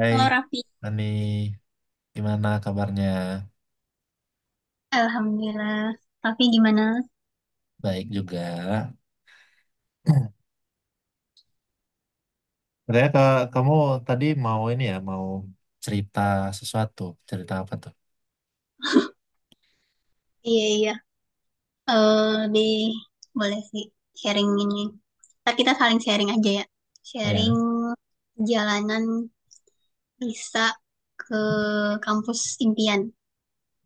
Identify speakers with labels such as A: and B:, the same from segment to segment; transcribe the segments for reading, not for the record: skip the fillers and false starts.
A: Hai,
B: Halo Raffi.
A: Ani, gimana kabarnya?
B: Alhamdulillah. Tapi gimana?
A: Baik juga. Katanya ke kamu tadi mau ini ya, mau cerita sesuatu. Cerita apa tuh?
B: Iya, iya. Deh, boleh sih sharing ini. Ntar kita saling sharing aja ya. Sharing
A: Ya.
B: jalanan bisa ke kampus impian.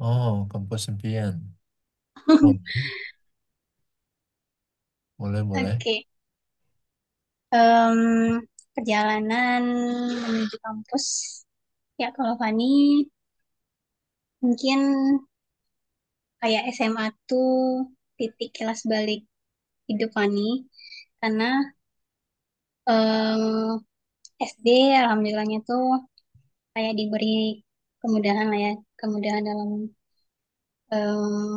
A: Oh, kampus impian. Boleh, boleh, boleh.
B: Oke. Em, perjalanan menuju kampus. Ya, kalau Fani, mungkin kayak SMA tuh titik kelas balik hidup Fani. Karena eh, SD alhamdulillahnya tuh kayak diberi kemudahan lah ya, kemudahan dalam eh,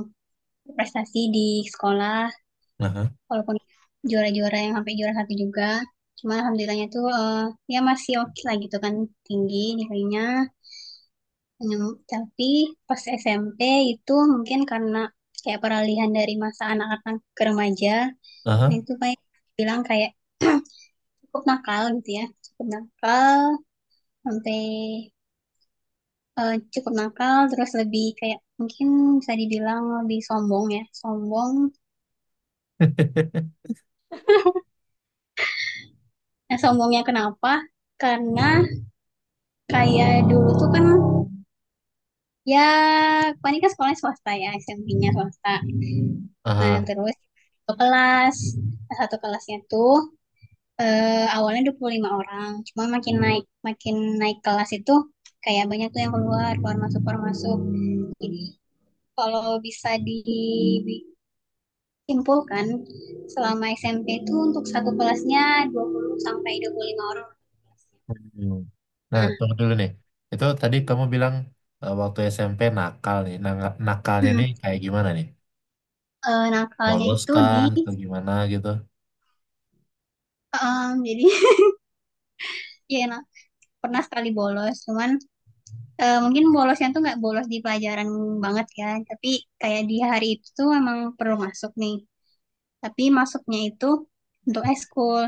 B: prestasi di sekolah,
A: Aha,
B: walaupun juara-juara yang sampai juara satu juga, cuma alhamdulillahnya tuh ya masih oke lah gitu kan, tinggi nilainya. Tapi pas SMP itu mungkin karena kayak peralihan dari masa anak-anak ke remaja, nah
A: aha,
B: itu kayak bilang kayak cukup nakal gitu ya, cukup nakal sampai cukup nakal, terus lebih kayak mungkin bisa dibilang lebih sombong ya, sombong. Nah, sombongnya kenapa? Karena kayak dulu tuh kan, ya, Fani kan sekolahnya swasta ya, SMP-nya swasta. Nah,
A: aha.
B: terus satu kelas, nah, satu kelasnya tuh awalnya 25 orang, cuma makin naik kelas itu kayak banyak tuh yang keluar, keluar masuk, keluar masuk. Jadi kalau bisa di simpulkan, selama SMP itu untuk satu kelasnya 20 sampai 25 orang.
A: Hmm. Nah,
B: Nah,
A: tunggu dulu nih. Itu tadi kamu bilang waktu SMP nakal nih. Nah, nakalnya nih
B: hmm,
A: kayak gimana nih?
B: nakalnya
A: Bolos
B: itu di
A: kah atau gimana gitu?
B: jadi ya nah, pernah sekali bolos, cuman mungkin bolosnya tuh nggak bolos di pelajaran banget ya, tapi kayak di hari itu tuh emang perlu masuk nih. Tapi masuknya itu untuk eskul.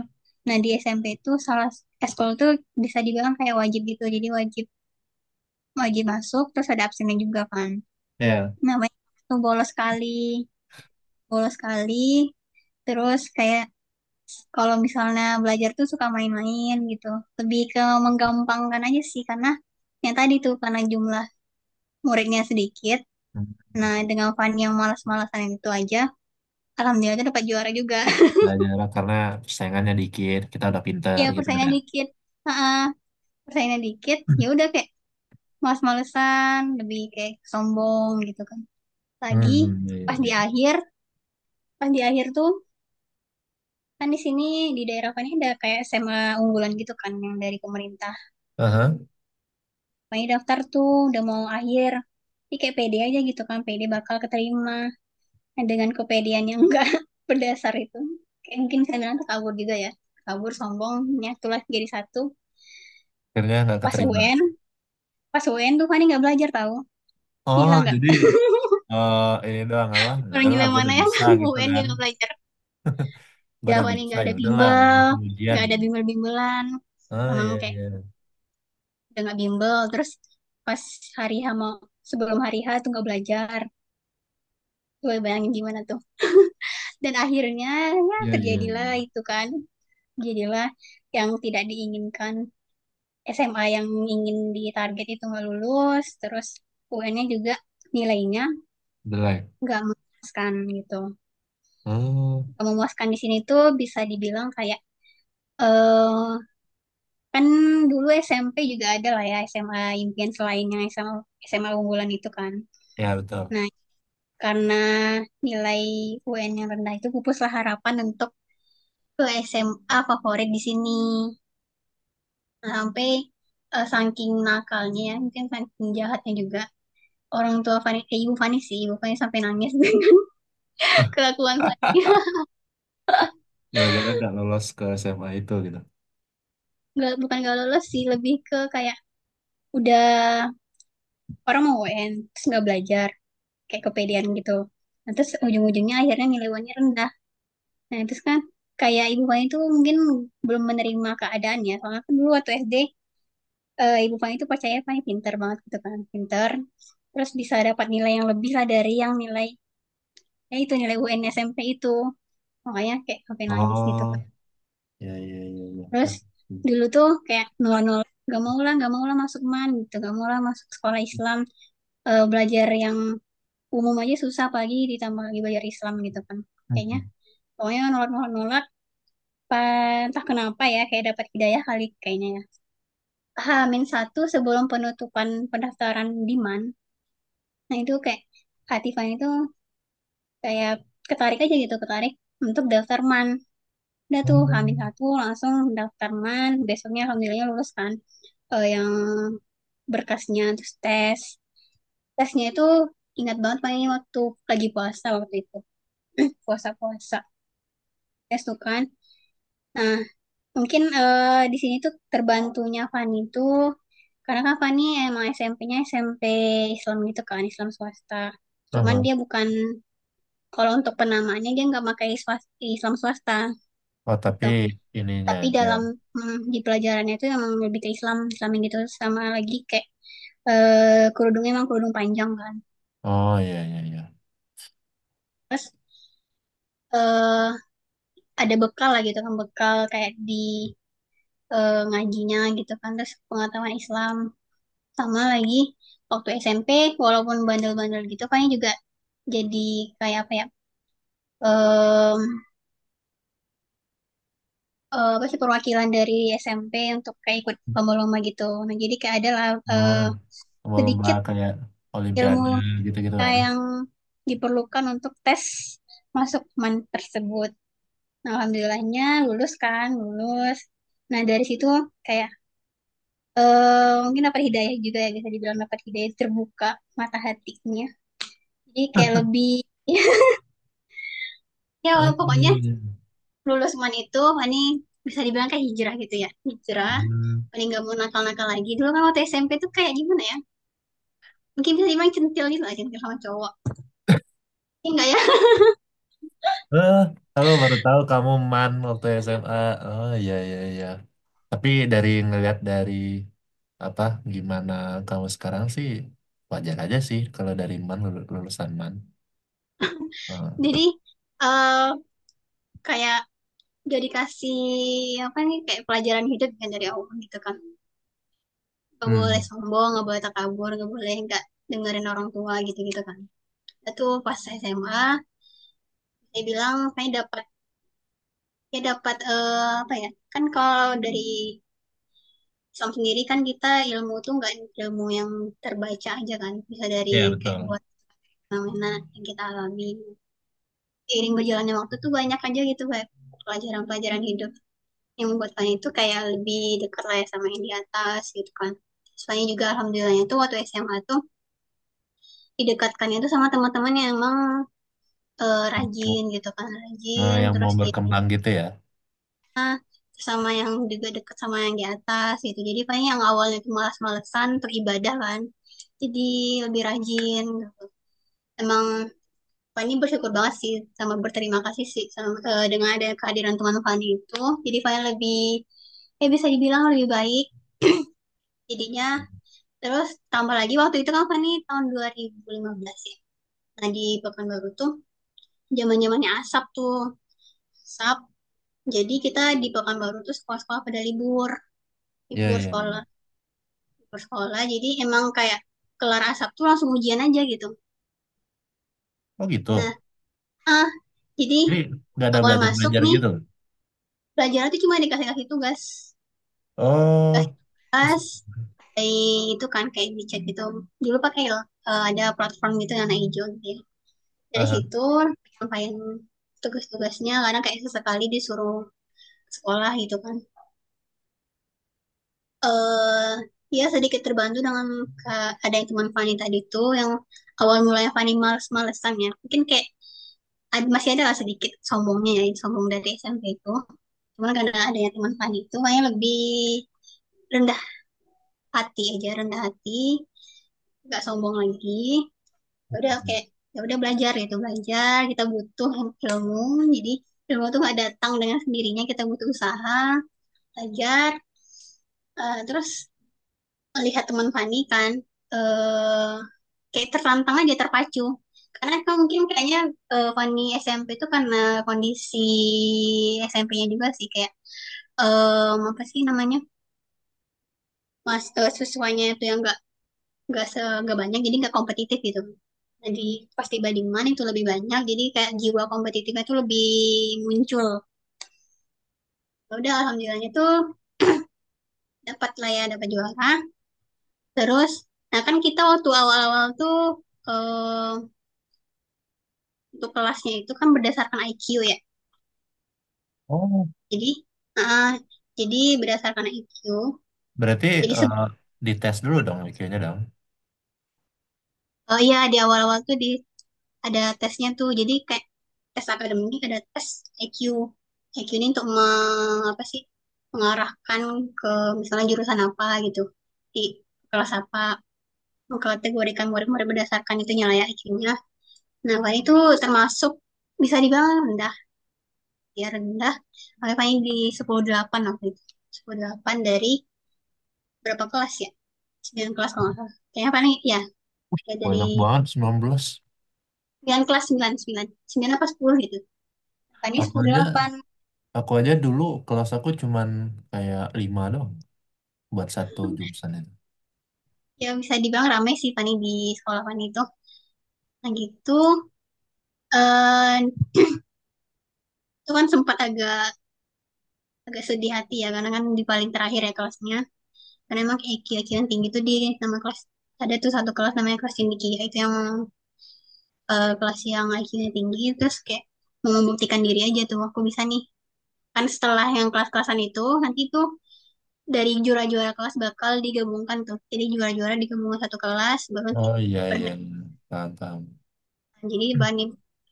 B: Nah, di SMP itu salah eskul tuh bisa dibilang kayak wajib gitu. Jadi wajib wajib masuk, terus ada absennya juga kan. Nah, banyak tuh bolos sekali, bolos sekali. Terus kayak kalau misalnya belajar tuh suka main-main gitu. Lebih ke menggampangkan aja sih, karena yang tadi tuh karena jumlah muridnya sedikit.
A: Ya.
B: Nah, dengan Fanny yang malas-malasan itu aja, alhamdulillah tuh dapat juara juga.
A: Nah, jarak karena persaingannya dikit, kita udah pinter
B: Ya
A: gitu kan.
B: persaingan
A: Ya.
B: dikit. Heeh, persaingan dikit. Ya udah kayak malas-malesan, lebih kayak sombong gitu kan. Lagi
A: Hmm, iya, iya,
B: pas di
A: iya.
B: akhir, pas di akhir tuh kan di sini di daerah Fanny ada kayak SMA unggulan gitu kan yang dari pemerintah.
A: Aha.
B: Makanya daftar tuh udah mau akhir. Tapi kayak pede aja gitu kan, pede bakal keterima. Nah, dengan kepedean yang enggak berdasar itu. Kayak mungkin saya bilang kabur juga ya. Kabur, sombongnya, tulah jadi satu.
A: Akhirnya nggak
B: Pas
A: keterima.
B: UN, pas UN tuh Fani nggak belajar tahu. Gila
A: Oh,
B: nggak?
A: jadi eh, ini doang apa? Ya
B: Orang
A: udahlah,
B: gila
A: gue
B: mana
A: udah
B: yang
A: bisa gitu
B: UN dia
A: kan.
B: nggak belajar.
A: Gue
B: Ya
A: udah
B: Fani
A: bisa,
B: nggak
A: ya
B: ada
A: udahlah.
B: bimbel,
A: Langsung ujian.
B: nggak ada bimbel-bimbelan.
A: Ah,
B: Emang
A: iya,
B: kayak
A: iya.
B: udah nggak bimbel. Terus pas hari H mau, sebelum hari H tuh nggak belajar. Coba bayangin gimana tuh. Dan akhirnya ya
A: Iya, iya,
B: terjadilah
A: iya.
B: itu kan, jadilah yang tidak diinginkan. SMA yang ingin ditarget itu nggak lulus, terus UN-nya juga nilainya
A: Udah lah.
B: nggak memuaskan gitu.
A: Oh,
B: Nggak memuaskan di sini tuh bisa dibilang kayak eh kan dulu SMP juga ada lah ya SMA impian selain yang SMA SMA unggulan itu kan.
A: ya betul.
B: Nah, karena nilai UN yang rendah itu pupuslah harapan untuk ke SMA favorit di sini, sampai saking nakalnya ya, mungkin saking jahatnya juga, orang tua Fani, ibu Fani sih, ibu Fani sampai nangis dengan kelakuan Fani.
A: Gara-gara nggak lolos ke SMA itu gitu.
B: Nggak, bukan nggak lolos sih, lebih ke kayak udah orang mau UN terus nggak belajar, kayak kepedean gitu. Nah, terus ujung-ujungnya akhirnya nilai UN-nya rendah. Nah, terus kan kayak ibu Fani itu mungkin belum menerima keadaannya. Soalnya kan dulu waktu SD, ibu Fani itu percaya Fani pintar banget gitu kan, pintar. Terus bisa dapat nilai yang lebih lah dari yang nilai, ya itu nilai UN SMP itu, makanya kayak sampai nangis gitu kan.
A: Oh, iya, iya, iya, iya.
B: Terus dulu tuh kayak nol nol, gak mau lah masuk MAN gitu, gak mau lah masuk sekolah Islam. Belajar yang umum aja susah pagi ditambah lagi belajar Islam gitu kan, kayaknya
A: Hmm.
B: pokoknya nolak nolak nolak. Entah kenapa ya kayak dapat hidayah kali kayaknya ya. Hamin satu sebelum penutupan pendaftaran di MAN, nah itu kayak hati itu kayak ketarik aja gitu, ketarik untuk daftar MAN. Udah tuh
A: Oh.
B: hamil satu langsung daftar MAN besoknya alhamdulillah lulus kan. Yang berkasnya, terus tes, tesnya itu ingat banget, paling waktu lagi puasa waktu itu, puasa puasa tes tuh kan. Nah mungkin di sini tuh terbantunya Fani tuh karena kan Fani emang SMP-nya SMP Islam gitu kan, Islam swasta, cuman
A: Aha.
B: dia bukan, kalau untuk penamaannya dia nggak pakai Islam swasta
A: Oh, tapi
B: gitu.
A: ininya
B: Tapi
A: aja.
B: dalam, di pelajarannya itu emang lebih ke Islam Islamin gitu, sama lagi kayak kerudungnya emang kerudung panjang kan.
A: Oh, iya, iya, iya.
B: Terus eh, ada bekal lah gitu kan, bekal kayak di ngajinya gitu kan, terus pengetahuan Islam. Sama lagi waktu SMP walaupun bandel-bandel gitu, kayaknya juga jadi kayak apa ya, em, apa sih perwakilan dari SMP untuk kayak ikut lomba-lomba gitu, nah jadi kayak ada lah
A: Nah,
B: eh,
A: lomba-lomba
B: sedikit
A: kayak
B: ilmu
A: Olimpiade gitu-gitu kan.
B: yang diperlukan untuk tes masuk MAN tersebut. Nah, Alhamdulillahnya lulus kan, lulus. Nah, dari situ kayak mungkin dapat hidayah juga ya, bisa dibilang dapat hidayah, terbuka mata hatinya. Jadi kayak lebih, ya
A: Oh,
B: pokoknya
A: iya, iya, iya.
B: lulus MAN itu, ini bisa dibilang kayak hijrah gitu ya. Hijrah,
A: Hmm.
B: paling nggak mau nakal-nakal lagi. Dulu kan waktu SMP tuh kayak gimana ya, mungkin bisa dibilang centil gitu lah, centil sama cowok. Enggak ya,
A: Eh, Tahu baru tahu kamu man waktu SMA. Oh, iya, iya, iya. Tapi dari ngelihat dari apa, gimana kamu sekarang sih, wajar aja sih kalau dari man lulusan man. Oh.
B: jadi eh kayak udah dikasih apa nih, kayak pelajaran hidup kan dari Allah gitu kan, nggak boleh
A: Hmm.
B: sombong, nggak boleh takabur, nggak boleh nggak dengerin orang tua gitu gitu kan. Itu pas SMA saya bilang saya dapat, ya dapat apa ya, kan kalau dari Islam sendiri kan kita ilmu tuh nggak ilmu yang terbaca aja kan, bisa dari
A: Iya,
B: kayak
A: betul.
B: buat fenomena yang kita alami seiring berjalannya waktu tuh banyak aja gitu kayak pelajaran-pelajaran hidup yang buatnya itu kayak lebih dekat lah ya sama yang di atas gitu kan. Soalnya juga alhamdulillahnya tuh waktu SMA tuh didekatkannya tuh sama teman-teman yang emang rajin gitu kan,
A: Eh,
B: rajin,
A: yang mau
B: terus dia,
A: berkembang gitu ya.
B: terus sama yang juga dekat sama yang di atas gitu. Jadi paling yang awalnya tuh malas-malesan untuk ibadah kan, jadi lebih rajin. Emang Fani bersyukur banget sih, sama berterima kasih sih sama, dengan ada kehadiran teman Fani itu. Jadi Fani lebih, ya bisa dibilang lebih baik jadinya. Terus tambah lagi waktu itu kan Fani tahun 2015 ya. Nah di Pekanbaru tuh zaman-zamannya asap tuh. Asap. Jadi kita di Pekanbaru tuh sekolah-sekolah pada libur,
A: Iya,
B: libur
A: iya,
B: sekolah,
A: iya.
B: libur sekolah. Jadi emang kayak kelar asap tuh langsung ujian aja gitu.
A: Oh,
B: Nah,
A: gitu.
B: ah, jadi
A: Jadi nggak ada
B: awal masuk
A: belajar-belajar
B: nih,
A: gitu.
B: pelajaran tuh cuma dikasih-kasih tugas, dikasih
A: Oh, kasih.
B: tugas, kayak itu kan kayak di chat gitu. Dulu pakai ada platform gitu yang warna hijau gitu ya. Dari
A: Aha.
B: situ penyampaian tugas-tugasnya, karena kayak sesekali disuruh sekolah gitu kan, eh ya sedikit terbantu dengan ada teman Fani tadi tuh yang awal mulanya Fani males-malesan, ya mungkin kayak masih ada lah sedikit sombongnya ya sombong dari SMP itu, cuman karena adanya teman Fani itu kayaknya lebih rendah hati aja, rendah hati, nggak sombong lagi. Ya udah kayak ya udah belajar gitu, belajar kita butuh ilmu, jadi ilmu tuh nggak datang dengan sendirinya, kita butuh usaha belajar. Terus melihat teman Fani kan, eh kayak tertantang aja, terpacu, karena kan mungkin kayaknya Fani SMP itu karena kondisi SMP-nya juga sih kayak apa sih namanya, siswanya itu yang gak nggak se nggak banyak, jadi nggak kompetitif gitu. Jadi pas tiba di mana itu lebih banyak, jadi kayak jiwa kompetitifnya tuh lebih muncul. Ya udah alhamdulillahnya tuh dapat lah ya dapat juara, terus nah kan kita waktu awal-awal tuh eh, untuk kelasnya itu kan berdasarkan IQ ya,
A: Oh,
B: jadi eh, jadi berdasarkan IQ,
A: berarti
B: jadi
A: eh,
B: se-
A: dites dulu dong iq dong.
B: oh iya di awal-awal tuh di ada tesnya tuh, jadi kayak tes akademik, ada tes IQ. IQ ini untuk apa sih mengarahkan ke misalnya jurusan apa gitu, di kelas apa, mengkategorikan murid-murid berdasarkan itunya lah ya, IQ-nya. Nah paling itu termasuk bisa dibilang rendah, ya rendah, paling paling di sepuluh koma delapan waktu itu, sepuluh koma delapan dari berapa kelas ya, 9 kelas kalau nggak salah kayaknya, paling ya ya dari
A: Banyak banget 19.
B: 9 kelas, 9 9 9 apa 10 gitu tadi,
A: Aku
B: sepuluh koma
A: aja
B: delapan.
A: aku aja dulu kelas aku cuman kayak 5 dong buat satu jurusan itu.
B: Ya bisa dibilang ramai sih Fani di sekolah Fani itu. Nah gitu, eh itu kan sempat agak agak sedih hati ya, karena kan di paling terakhir ya kelasnya. Karena emang IQ IQ yang tinggi itu di nama kelas, ada tuh satu kelas namanya kelas cendekia itu yang kelas yang IQ-nya tinggi, terus kayak mau membuktikan diri aja tuh aku bisa nih. Kan setelah yang kelas-kelasan itu nanti tuh dari juara-juara kelas bakal digabungkan tuh. Jadi juara-juara digabungkan satu kelas baru
A: Oh, iya, iya,
B: ber-
A: iya. Paham, paham.
B: jadi bani,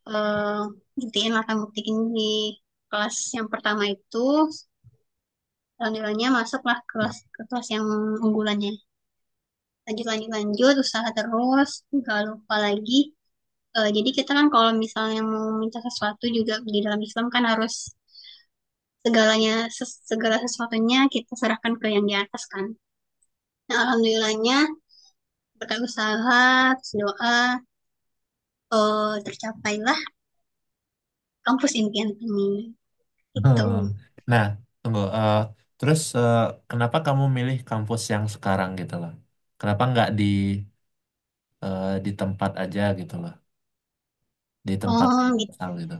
B: eh, buktiin lah kan, buktiin di kelas yang pertama itu alhamdulillahnya masuklah kelas ke kelas yang unggulannya. Lanjut lanjut lanjut usaha terus, nggak lupa lagi. Jadi kita kan kalau misalnya mau minta sesuatu juga di dalam Islam kan harus segala sesuatunya kita serahkan ke yang di atas kan. Nah, alhamdulillahnya berkat usaha, terus doa, tercapailah kampus impian kami. Itu.
A: Hmm. Nah, tunggu. Terus kenapa kamu milih kampus yang sekarang gitu loh? Kenapa nggak di di tempat aja gitu loh? Di tempat
B: Oh,
A: asal gitu.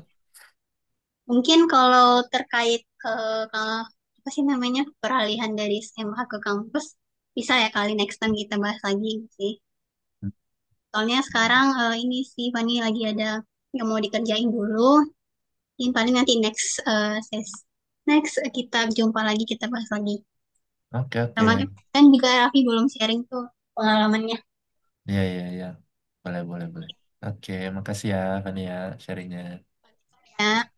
B: mungkin kalau terkait ke apa sih namanya peralihan dari SMA ke kampus, bisa ya kali next time kita bahas lagi gitu sih. Soalnya
A: Hmm.
B: sekarang ini sih Fani lagi ada yang mau dikerjain dulu. Mungkin paling nanti next kita jumpa lagi kita bahas lagi.
A: Oke, oke.
B: Sama kan juga Raffi belum sharing tuh pengalamannya
A: Iya, iya, iya. Boleh, boleh, boleh. Oke, makasih ya, Fani ya, sharingnya.
B: ya.